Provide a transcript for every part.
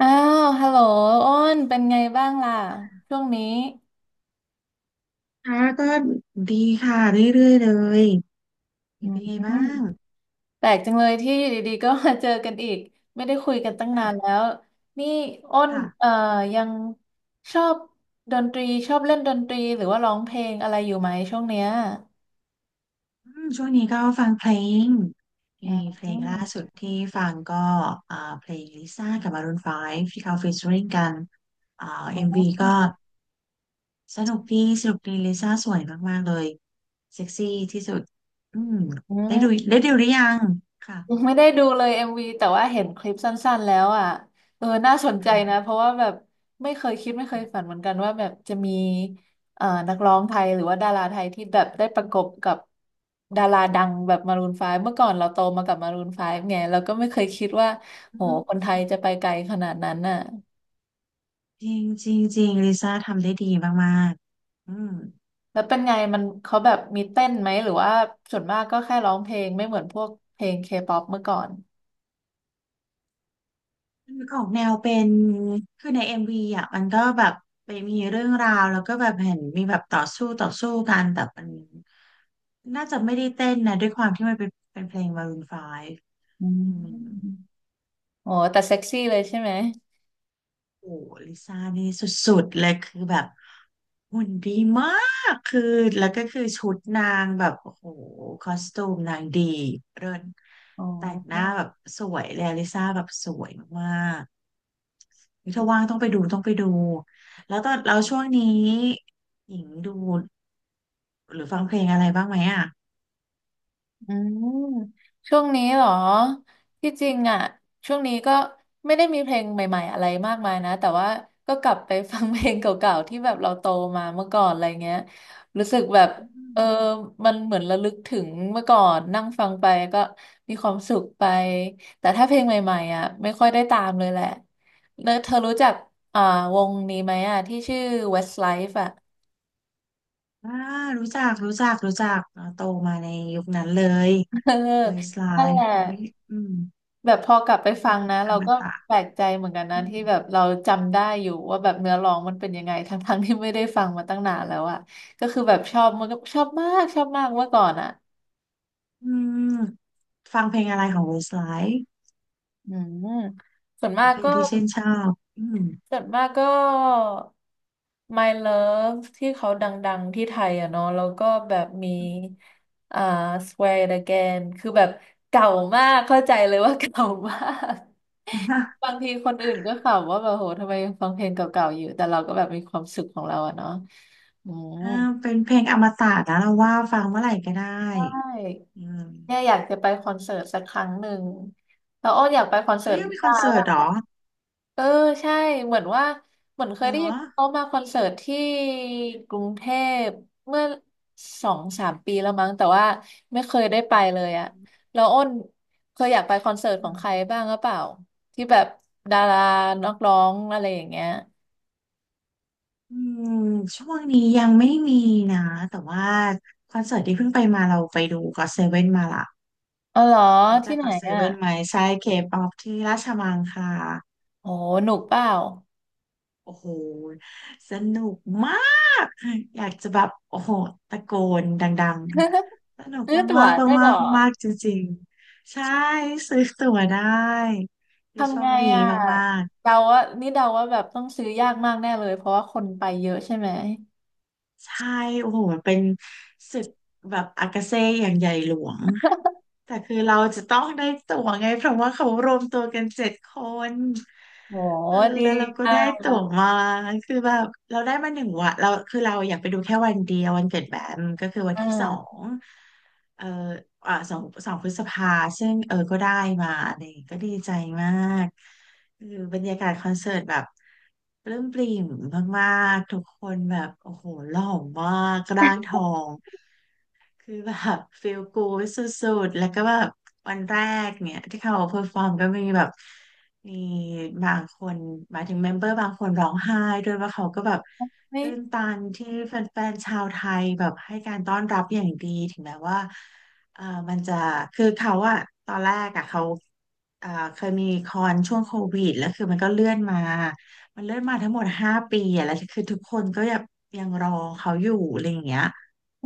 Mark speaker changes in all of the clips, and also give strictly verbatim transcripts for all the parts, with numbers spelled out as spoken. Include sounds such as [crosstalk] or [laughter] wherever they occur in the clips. Speaker 1: อ้าว ฮัลโหลอ้น เป็นไงบ้างล่ะ ช่วงนี้
Speaker 2: ค่ะก็ดีค่ะเรื่อยๆเลย
Speaker 1: อื
Speaker 2: เป็
Speaker 1: ม
Speaker 2: นไงบ้าง
Speaker 1: แปลกจังเลยที่อยู่ดีๆก็มาเจอกันอีก ไม่ได้คุยกันตั้งนา
Speaker 2: ค่ะ
Speaker 1: นแล้ว นี่ อ้นเอ่
Speaker 2: ค่ะ
Speaker 1: อยังชอบดนตรี ชอบเล่นดนตรีหรือว่าร้องเพลงอะไรอยู่ไหมช่วงเนี้ย
Speaker 2: อืมช่วงนี้ก็ฟังเพลง
Speaker 1: อื
Speaker 2: มีเพลงล่าสุ
Speaker 1: ม
Speaker 2: ดที่ฟังก็อ่าเพลงลิซ่ากับ Maroon ไฟว์ที่เขาฟีเจอริ่งกันอ่าเอ็มวี
Speaker 1: อ๋อ
Speaker 2: ก็สนุกดีสนุกดีลิซ่าสวยมากๆเลยเซ็กซี่ที่สุดอืม
Speaker 1: อื
Speaker 2: ได้ดู
Speaker 1: ม
Speaker 2: ได้ดูหรือยังค่ะ
Speaker 1: ไม่ได้ดูเลยเอ็มวีแต่ว่าเห็นคลิปสั้นๆแล้วอ่ะเออน่าสนใจนะเพราะว่าแบบไม่เคยคิดไม่เคยฝันเหมือนกันว่าแบบจะมีเอ่อนักร้องไทยหรือว่าดาราไทยที่แบบได้ประกบกับดาราดังแบบมารูนไฟว์เมื่อก่อนเราโตมากับมารูนไฟว์ไงเราก็ไม่เคยคิดว่า
Speaker 2: อื
Speaker 1: โห
Speaker 2: ม
Speaker 1: คนไทยจะไปไกลขนาดนั้นน่ะ
Speaker 2: จริงจริงจริงลิซ่าทำได้ดีมากๆอืม
Speaker 1: แล้วเป็นไงมันเขาแบบมีเต้นไหมหรือว่าส่วนมากก็แค่ร้องเพลงไม่เหมือนพวกเพลงเคป๊อปเมื่อก่อน
Speaker 2: มันออกแนวเป็น คือในเอ็มวีอ่ะมันก็แบบไปมีเรื่องราว แล้วก็แบบเห็นมีแบบต่อสู้ต่อสู้กัน แต่มันน่าจะไม่ได้เต้นนะ ด้วยความที่มันเป็นเป็นเพลง Maroon ไฟว์
Speaker 1: อื
Speaker 2: อืม
Speaker 1: มโอ้แต่เซ็กซี่เลยใช่ไหม
Speaker 2: โอ้ลิซ่านี่สุดๆเลยคือแบบหุ่นดีมากคือแล้วก็คือชุดนางแบบโอ้โหคอสตูมนางดีเริน
Speaker 1: อ๋อ
Speaker 2: แต่งหน้าแบบสวยเลยลิซ่าแบบสวยมาก ถ้าว่างต้องไปดูต้องไปดูแล้วตอนเราช่วงนี้หญิงดูหรือฟังเพลงอะไรบ้างไหมอ่ะ
Speaker 1: อืมช่วงนี้เหรอที่จริงอ่ะช่วงนี้ก็ไม่ได้มีเพลงใหม่ๆอะไรมากมายนะแต่ว่าก็กลับไปฟังเพลงเก่าๆที่แบบเราโตมาเมื่อก่อนอะไรเงี้ยรู้สึกแบบ
Speaker 2: อื
Speaker 1: เอ
Speaker 2: ม
Speaker 1: อมันเหมือนระลึกถึงเมื่อก่อนนั่งฟังไปก็มีความสุขไปแต่ถ้าเพลงใหม่ๆอ่ะไม่ค่อยได้ตามเลยแหละเนอะเธอรู้จักอ่าวงนี้ไหมอ่ะที่ชื่อ เวสต์ไลฟ์ อ่ะ
Speaker 2: อ่ารู้จักรู้จักรู้จักเนอะโตมาในยุคนั้นเลย
Speaker 1: [laughs] เออนั่นแห
Speaker 2: Westlife
Speaker 1: ละ
Speaker 2: เอ้ยอืม
Speaker 1: แบบพอกลับไปฟัง
Speaker 2: เพลง
Speaker 1: นะ
Speaker 2: อ
Speaker 1: เรา
Speaker 2: ม
Speaker 1: ก็
Speaker 2: ตะ
Speaker 1: แปลกใจเหมือนกันนะ
Speaker 2: อื
Speaker 1: ที่
Speaker 2: ม
Speaker 1: แบบเราจำได้อยู่ว่าแบบเนื้อร้องมันเป็นยังไงทั้งทั้งที่ไม่ได้ฟังมาตั้งนานแล้วอะก็คือแบบชอบมันก็ชอบมากชอบมากเมื่อก่อนอะ
Speaker 2: อืมฟังเพลงอะไรของ Westlife
Speaker 1: อืมส่วนมาก
Speaker 2: เพลง
Speaker 1: ก็
Speaker 2: ที่ชื่นชอบอืม
Speaker 1: ส่วนมากก็ มาย เลิฟ ที่เขาดังๆที่ไทยอะเนาะแล้วก็แบบมีอ่า สแวร์ อิท อะเกน คือแบบเก่ามากเข้าใจเลยว่าเก่ามาก [laughs] บาง
Speaker 2: [laughs]
Speaker 1: ทีคนอื่นก็ขำว่าแบบโหทำไมยังฟังเพลงเก่าๆอยู่แต่เราก็แบบมีความสุขของเราอะเนาะอืม
Speaker 2: อ่าเป็นเพลงอมตะนะเราว่าฟังเมื่อไหร่ก็ได้
Speaker 1: ใช่
Speaker 2: อื
Speaker 1: เนี่ยอ
Speaker 2: ม
Speaker 1: ยากจะไปคอนเสิร์ตสักครั้งหนึ่งแล้วอ้ออยากไปคอนเสิ
Speaker 2: เขา
Speaker 1: ร์ต
Speaker 2: ยัง
Speaker 1: ลิ
Speaker 2: มีคอ
Speaker 1: ซ่า
Speaker 2: นเสิร์ต
Speaker 1: ป่ะ
Speaker 2: เหรอ
Speaker 1: เออใช่เหมือนว่าเหมือนเค
Speaker 2: เห
Speaker 1: ย
Speaker 2: ร
Speaker 1: ได้
Speaker 2: อ
Speaker 1: ยินว่าเขามาคอนเสิร์ตที่กรุงเทพเมื่อสองสามปีแล้วมั้งแต่ว่าไม่เคยได้ไปเลย
Speaker 2: อ
Speaker 1: อะแล้วอ้นเคยอยากไปคอนเสิร์ต
Speaker 2: ๋
Speaker 1: ของใคร
Speaker 2: อ
Speaker 1: บ้างหรือเปล่าที่แบบดารานักร้องอะไรอย่างเงี้ย
Speaker 2: อืมช่วงนี้ยังไม่มีนะแต่ว่าคอนเสิร์ตที่เพิ่งไปมาเราไปดูก็เซเว่นมาละ
Speaker 1: อ๋อเหรอ
Speaker 2: รู้จั
Speaker 1: ที่
Speaker 2: ก
Speaker 1: ไหน
Speaker 2: ก็เซ
Speaker 1: อะ
Speaker 2: เว่นไหมใช่เคป๊อปที่ราชมังคลา
Speaker 1: โอ้หนุกเปล่า
Speaker 2: โอ้โหสนุกมากอยากจะแบบโอ้โหตะโกนดังๆสนุ
Speaker 1: [laughs]
Speaker 2: ก
Speaker 1: ซื้อ
Speaker 2: มาก
Speaker 1: ตั๋ว
Speaker 2: มาก
Speaker 1: ได้เห
Speaker 2: มา
Speaker 1: รอ
Speaker 2: กมากๆจริงๆใช่ซื้อตั๋วได้คือโช
Speaker 1: ทำไง
Speaker 2: คดี
Speaker 1: อะ
Speaker 2: มาก
Speaker 1: เดาว่านี่เดาว่าแบบต้องซื้อยากมากแน่เลยเพราะว่าคนไปเยอะใช่ไหม
Speaker 2: ๆใช่โอ้โหมันเป็นศึกแบบอากาเซ่อย่างใหญ่หลวง แต่คือเราจะต้องได้ตั๋วไงเพราะว่าเขารวมตัวกันเจ็ดคน
Speaker 1: โห
Speaker 2: เออ
Speaker 1: ดี
Speaker 2: แล้วเราก็ได้
Speaker 1: อ่ะ
Speaker 2: ตั๋วมาคือแบบเราได้มาหนึ่งวันเราคือเราอยากไปดูแค่วันเดียววันเกิดแบมก็คือวัน
Speaker 1: อ่
Speaker 2: ที่สอ
Speaker 1: า
Speaker 2: งเอออ่าสองสองพฤษภาซึ่งเออก็ได้มาเนี่ยก็ดีใจมากคือบรรยากาศคอนเสิร์ตแบบปลื้มปริ่มมากๆทุกคนแบบโอ้โหหล่อมากร่างทอง คือแบบฟีลกูดสุดๆแล้วก็แบบวันแรกเนี่ยที่เขาเพอร์ฟอร์มก็มีแบบมีบางคนหมายถึงเมมเบอร์บางคนร้องไห้ด้วยว่าเขาก็แบบ
Speaker 1: ไม่
Speaker 2: ตื้นตันที่แฟนๆชาวไทยแบบให้การต้อนรับอย่างดีถึงแม้ว่าเอ่อมันจะคือเขาอะตอนแรกอะเขาเอ่อเคยมีคอนช่วงโควิดแล้วคือมันก็เลื่อนมามันเลื่อนมาทั้งหมดห้าปีอะแล้วคือทุกคนก็ยังยังรอเขาอยู่อะไรอย่างเงี้ย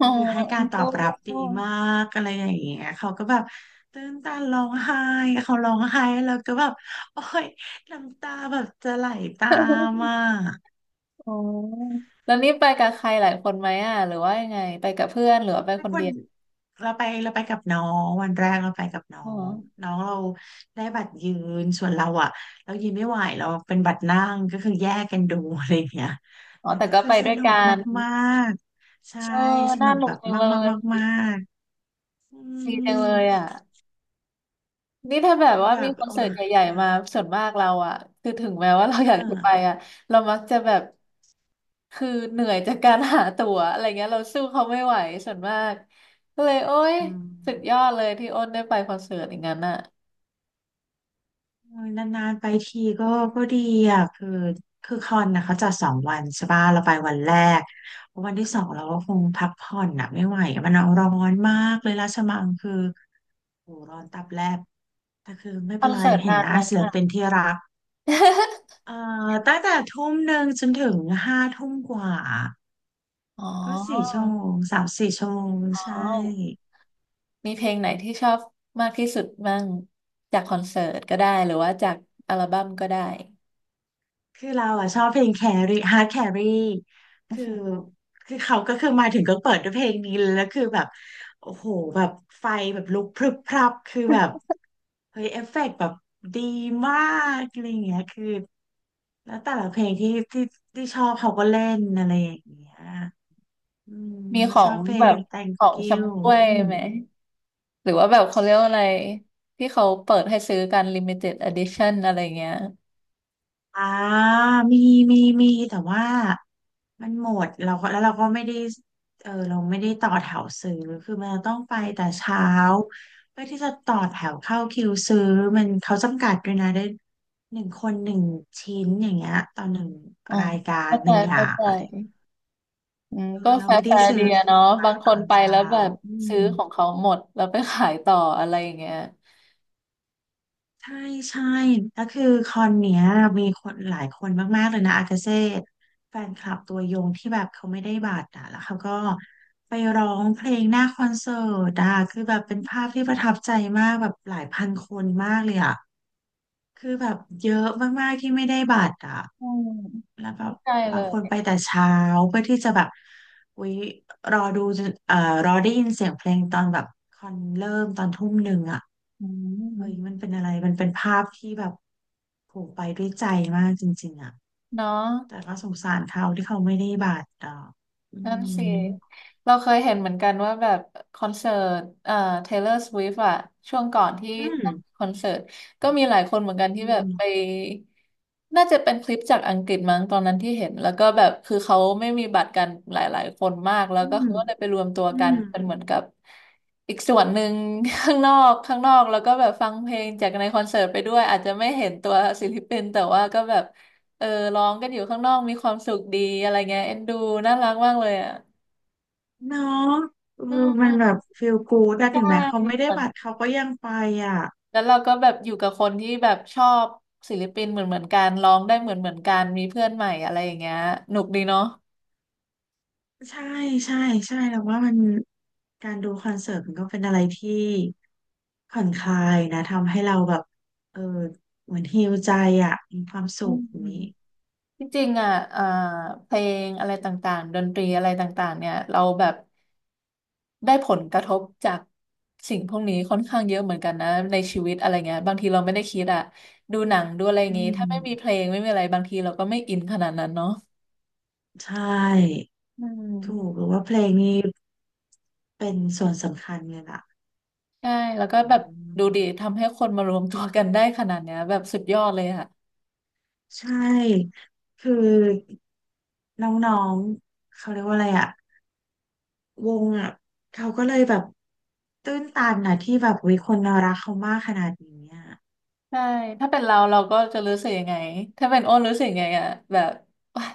Speaker 1: อ๋
Speaker 2: ก็
Speaker 1: อ
Speaker 2: คือให้
Speaker 1: แอ
Speaker 2: กา
Speaker 1: ง
Speaker 2: รต
Speaker 1: โก
Speaker 2: อบรับดีมากอะไรอย่างเงี้ยเขาก็แบบตื้นตันร้องไห้เขาร้องไห้แล้วก็แบบโอ้ยน้ำตาแบบจะไหลตามอ่ะ
Speaker 1: อ๋อแล้วนี่ไปกับใครหลายคนไหมอ่ะหรือว่ายังไงไปกับเพื่อนหรือว่าไป
Speaker 2: ถ้า
Speaker 1: คน
Speaker 2: ค
Speaker 1: เดี
Speaker 2: น
Speaker 1: ยว
Speaker 2: เราไปเราไปกับน้องวันแรกเราไปกับน้อ
Speaker 1: อ๋อ
Speaker 2: งน้องเราได้บัตรยืนส่วนเราอ่ะเรายืนไม่ไหวเราเป็นบัตรนั่งก็คือแยกกันดูอะไรอย่างเงี้ย
Speaker 1: อ๋อ
Speaker 2: แต่
Speaker 1: แต่
Speaker 2: ก็
Speaker 1: ก็
Speaker 2: คือ
Speaker 1: ไป
Speaker 2: ส
Speaker 1: ด้วย
Speaker 2: นุ
Speaker 1: กั
Speaker 2: ก
Speaker 1: น
Speaker 2: มากๆใช่
Speaker 1: เออ
Speaker 2: ส
Speaker 1: น่า
Speaker 2: นุก
Speaker 1: หนุ
Speaker 2: แบ
Speaker 1: ก
Speaker 2: บ
Speaker 1: จังเล
Speaker 2: มากๆ
Speaker 1: ย
Speaker 2: มากๆอื
Speaker 1: ดี
Speaker 2: ม
Speaker 1: จังเลยอ่ะนี่ถ้าแบบ
Speaker 2: คือ
Speaker 1: ว่า
Speaker 2: แบ
Speaker 1: มี
Speaker 2: บ
Speaker 1: คอน
Speaker 2: โอ้
Speaker 1: เสิร์ต
Speaker 2: ย
Speaker 1: ใหญ่
Speaker 2: ค่ะ
Speaker 1: ๆมาส่วนมากเราอ่ะคือถึงแม้ว่าเราอ
Speaker 2: อ่
Speaker 1: ยากจะไป
Speaker 2: า
Speaker 1: อ่ะเรามักจะแบบคือเหนื่อยจากการหาตั๋วอะไรเงี้ยเราสู้เขาไม่ไหวส่วนมากก็เลยโอ๊ย
Speaker 2: อืม
Speaker 1: สุดยอดเลยที่อ้นได้ไปคอนเสิร์ตอย่างนั้นอ่ะ
Speaker 2: โอยนานๆไปทีก็ก็ดีอ่ะคือคือคอนนะเขาจัดสองวันใช่ป่ะเราไปวันแรกวันที่สองเราก็คงพักผ่อนอ่ะไม่ไหวอะมันเอาร้อนมากเลยราชมังคือโหร้อนตับแลบแต่คือไม่
Speaker 1: คอ
Speaker 2: เป็น
Speaker 1: น
Speaker 2: ไร
Speaker 1: เสิร์ต
Speaker 2: เห็น
Speaker 1: นา
Speaker 2: ห
Speaker 1: น
Speaker 2: น้า
Speaker 1: ไหม
Speaker 2: ศิลปินที่รักเอ่อตั้งแต่ทุ่มหนึ่งจนถึงห้าทุ่มกว่า
Speaker 1: อ๋อ
Speaker 2: ก็สี่ชั่วโมงสามสี่ชั่วโมง
Speaker 1: อ๋อ
Speaker 2: ใช่
Speaker 1: มีเพลงไหนที่ชอบมากที่สุดบ้างจากคอนเสิร์ตก็ได้หรือว่าจากอัลบั้มก็ได้
Speaker 2: คือเราอะชอบเพลงแครี่ฮาร์ดแครี่
Speaker 1: อือ
Speaker 2: คือ
Speaker 1: หือ
Speaker 2: คือเขาก็คือมาถึงก็เปิดด้วยเพลงนี้เลยแล้วคือแบบโอ้โหแบบไฟแบบลุกพรึบพรับคือแบบเฮ้ยเอฟเฟกต์แบบดีมากอะไรอย่างเงี้ยคือแล้วแต่ละเพลงที่ที่ที่ชอบเขาก็เล่นอะไรอย่างเงี้ยอืม
Speaker 1: มีขอ
Speaker 2: ชอ
Speaker 1: ง
Speaker 2: บเพล
Speaker 1: แบ
Speaker 2: ง
Speaker 1: บขอ
Speaker 2: Thank
Speaker 1: ง
Speaker 2: you
Speaker 1: ชำร่วย
Speaker 2: อืม
Speaker 1: ไหมหรือว่าแบบเขาเรียกว่าอะไรที่เขาเปิดให้ซื้อกัน ลิมิเต็ด อิดิชัน อะไรเงี้ย
Speaker 2: อ่ามีมีมีแต่ว่ามันหมดเราก็แล้วเราก็ไม่ได้เออเราไม่ได้ต่อแถวซื้อคือมันต้องไป
Speaker 1: อ
Speaker 2: แต่
Speaker 1: ม
Speaker 2: เช้าเพื่อที่จะต่อแถวเข้าคิวซื้อมันเขาจำกัดด้วยนะได้หนึ่งคนหนึ่งชิ้นอย่างเงี้ยต่อหนึ่ง
Speaker 1: อ๋อ
Speaker 2: รายการ
Speaker 1: เข้า
Speaker 2: ห
Speaker 1: ใจ
Speaker 2: นึ่งอย่า
Speaker 1: เข้า
Speaker 2: ง
Speaker 1: ใจ
Speaker 2: อะไร
Speaker 1: อืม
Speaker 2: เอ
Speaker 1: ก็
Speaker 2: อเรา
Speaker 1: แฟ
Speaker 2: ไม่ได้
Speaker 1: ร์
Speaker 2: ซื้
Speaker 1: ๆดี
Speaker 2: อ
Speaker 1: อะ
Speaker 2: ขี้
Speaker 1: เนาะ
Speaker 2: เกียจไป
Speaker 1: บาง
Speaker 2: ต
Speaker 1: ค
Speaker 2: อ
Speaker 1: น
Speaker 2: น
Speaker 1: ไปแล้
Speaker 2: เช้า
Speaker 1: วแบบ
Speaker 2: อื
Speaker 1: ซื้อ
Speaker 2: ม
Speaker 1: ของเขาหมดแล้วไปขายต่ออะไรอย่างเงี้ย
Speaker 2: ใช่ใช่แล้วคือคอนเนี้ยมีคนหลายคนมากๆเลยนะอากาเซ่แฟนคลับตัวยงที่แบบเขาไม่ได้บัตรอ่ะแล้วเขาก็ไปร้องเพลงหน้าคอนเสิร์ตอ่ะคือแบบเป็นภาพที่ประทับใจมากแบบหลายพันคนมากเลยอ่ะคือแบบเยอะมากๆที่ไม่ได้บัตรอ่ะ
Speaker 1: อืม
Speaker 2: แล้วแบบ
Speaker 1: เข้าใจเล
Speaker 2: บางคนไป
Speaker 1: ย
Speaker 2: แต่เช้าเพื่อที่จะแบบอุ๊ยรอดูจนเอ่อรอได้ยินเสียงเพลงตอนแบบคอนเริ่มตอนทุ่มหนึ่งอ่ะ
Speaker 1: อื
Speaker 2: เฮ้ยมั
Speaker 1: ม
Speaker 2: นเป็นอะไรมันเป็นภาพที่แบบโผล่ไปด้วยใจมากจริงๆอ่ะ
Speaker 1: เนาะ
Speaker 2: แต่ก็สงสารเขาที่เขาไม่ได้บาดเอ่ออื
Speaker 1: นั่น
Speaker 2: ม
Speaker 1: สิ เราเคยเห็นเหมือนกันว่าแบบคอนเสิร์ตเอ่อ เทย์เลอร์ สวิฟต์ อะช่วงก่อนที่
Speaker 2: อืม
Speaker 1: คอนเสิร์ตก็มีหลายคนเหมือนกันที่
Speaker 2: อื
Speaker 1: แบบไป
Speaker 2: ม
Speaker 1: น่าจะเป็นคลิปจากอังกฤษมั้งตอนนั้นที่เห็น แล้วก็แบบคือเขาไม่มีบัตรกันหลายๆคนมาก แล้ว
Speaker 2: อื
Speaker 1: ก็
Speaker 2: ม
Speaker 1: เขาก็เลยไปรวมตัว
Speaker 2: อื
Speaker 1: กัน
Speaker 2: ม
Speaker 1: เป็นเหมือนกับอีกส่วนหนึ่ง [laughs] ข้างนอกข้างนอกแล้วก็แบบฟังเพลงจากในคอนเสิร์ตไปด้วยอาจจะไม่เห็นตัว [laughs] ศิลปินแต่ว่าก็แบบ เออร้องกันอยู่ข้างนอกมีความสุขดีอะไรเงี้ยเอ็นดูน่ารักมากเลยอ่ะ
Speaker 2: เนาะเออ
Speaker 1: อื
Speaker 2: มันแบ
Speaker 1: ม
Speaker 2: บฟีลกู๊ดอะ
Speaker 1: ใช่
Speaker 2: ถึงแม้เขาไม่ได้
Speaker 1: เหมือน
Speaker 2: บัตรเขาก็ยังไปอ่ะ
Speaker 1: แล้วเราก็แบบอยู่กับคนที่แบบชอบศิลปินเหมือนเหมือนกันร้องได้เหมือนเหมือนกันมีเพื่อนใหม่อะไรอย่างเงี้ยหนุกดีเนาะ
Speaker 2: ใช่ใช่ใช่แล้วว่ามันการดูคอนเสิร์ตมันก็เป็นอะไรที่ผ่อนคลายนะทำให้เราแบบเออเหมือนฮีลใจอ่ะมีความสุ
Speaker 1: อื
Speaker 2: ขอย่างนี้
Speaker 1: มที่จริงอ่ะอ่าเพลงอะไรต่างๆดนตรีอะไรต่างๆเนี่ยเราแบบได้ผลกระทบจากสิ่งพวกนี้ค่อนข้างเยอะเหมือนกันนะในชีวิตอะไรเงี้ยบางทีเราไม่ได้คิดอ่ะดูหนังดูอะไรอย่า
Speaker 2: อื
Speaker 1: งงี้ถ้าไม่มีเพล
Speaker 2: ม
Speaker 1: งไม่มีอะไรบางทีเราก็ไม่อินขนาดนั้นเนาะ
Speaker 2: ใช่
Speaker 1: อื
Speaker 2: ถูกห
Speaker 1: ม
Speaker 2: รือว่าเพลงนี้เป็นส่วนสำคัญเลยล่ะ
Speaker 1: ใช่แล้วก็
Speaker 2: อื
Speaker 1: แบบดูดี
Speaker 2: ม
Speaker 1: ทำให้คนมารวมตัวกันได้ขนาดเนี้ยแบบสุดยอดเลยอะ
Speaker 2: ใช่คือน้องๆเขาเรียกว่าอะไรอะวงอะเขาก็เลยแบบตื้นตันนะที่แบบวิคนรักเขามากขนาดนี้อะ
Speaker 1: ใช่ถ้าเป็นเราเราก็จะรู้สึกยังไงถ้าเป็นอ้นรู้สึกยังไงอะแบบ [laughs] ว้าย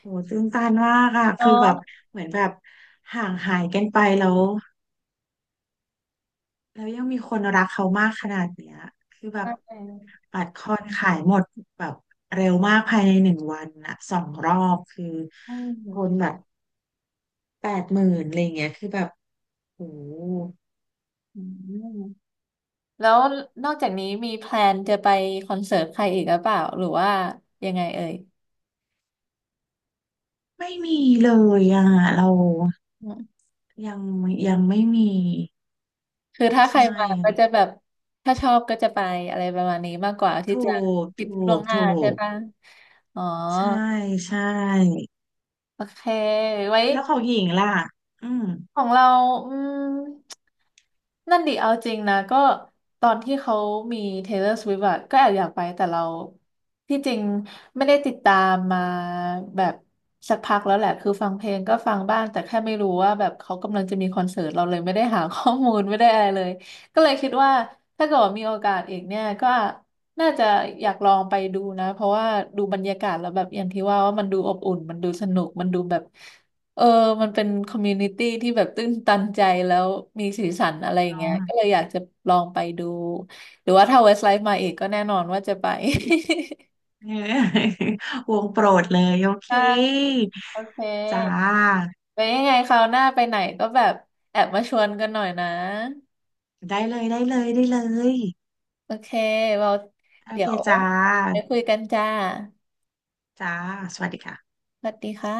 Speaker 2: โหตื้นตันมากอะคือ
Speaker 1: เนาะ
Speaker 2: แบบเหมือนแบบห่างหายกันไปแล้วแล้วยังมีคนรักเขามากขนาดเนี้ยคือแบ
Speaker 1: ใช
Speaker 2: บ
Speaker 1: ่
Speaker 2: บัตรคอนขายหมดแบบเร็วมากภายในหนึ่งวันอะสองรอบคือ
Speaker 1: อื
Speaker 2: คนแบ
Speaker 1: ม
Speaker 2: บแปดหมื่นอะไรเงี้ยคือแบบโห
Speaker 1: อืมแล้วนอกจากนี้มีแพลนจะไปคอนเสิร์ตใครอีกหรือเปล่าหรือว่ายังไงเอ่ย
Speaker 2: ไม่มีเลยอ่ะเรา
Speaker 1: อืม
Speaker 2: ยังยังไม่มี
Speaker 1: คือถ้าใคร
Speaker 2: ใช่
Speaker 1: มาก็จะแบบถ้าชอบก็จะไปอะไรประมาณนี้มากกว่าที่
Speaker 2: ถู
Speaker 1: จะ
Speaker 2: ก
Speaker 1: คิด
Speaker 2: ถู
Speaker 1: ล่วง
Speaker 2: ก
Speaker 1: หน้า
Speaker 2: ถู
Speaker 1: ใช่
Speaker 2: ก
Speaker 1: ปะอ๋อ
Speaker 2: ใช่ใช่
Speaker 1: โอเคไว้
Speaker 2: แล้วของหญิงล่ะอืม
Speaker 1: ของเราอืมนั่นดิเอาจริงนะก็ตอนที่เขามี Taylor Swift อะก็แอบอยากไป แต่เราที่จริงไม่ได้ติดตามมาแบบสักพักแล้วแหละคือฟังเพลงก็ฟังบ้าง แต่แค่ไม่รู้ว่าแบบเขากำลังจะมีคอนเสิร์ต เราเลยไม่ได้หาข้อมูลไม่ได้อะไรเลย ก็เลยคิดว่าถ้าเกิดว่ามีโอกาสอีกเนี่ยก็น่าจะอยากลองไปดูนะ เพราะว่าดูบรรยากาศแล้วแบบอย่างที่ว่าว่ามันดูอบอุ่นมันดูสนุกมันดูแบบ เออมันเป็นคอมมูนิตี้ที่แบบตื้นตันใจแล้วมีสีสันอะไรอย่างเงี้ย
Speaker 2: เนาะ [laughs]
Speaker 1: ก็เลยอยากจะลองไปดู หรือว่าถ้าเวสไลฟ์มาอีกก็แน่นอนว่าจะไป
Speaker 2: เออวงโปรดเลยโอเค
Speaker 1: [laughs] ได้โอเค
Speaker 2: จ้า
Speaker 1: ไปยังไงคราวหน้าไปไหนก็แบบแอบมาชวนกันหน่อยนะ
Speaker 2: ได้เลยได้เลยได้เลย
Speaker 1: โอเคเรา
Speaker 2: โอ
Speaker 1: เดี๋
Speaker 2: เค
Speaker 1: ยว
Speaker 2: จ้า
Speaker 1: ไปคุยกันจ้า
Speaker 2: จ้าสวัสดีค่ะ
Speaker 1: สวัสดีค่ะ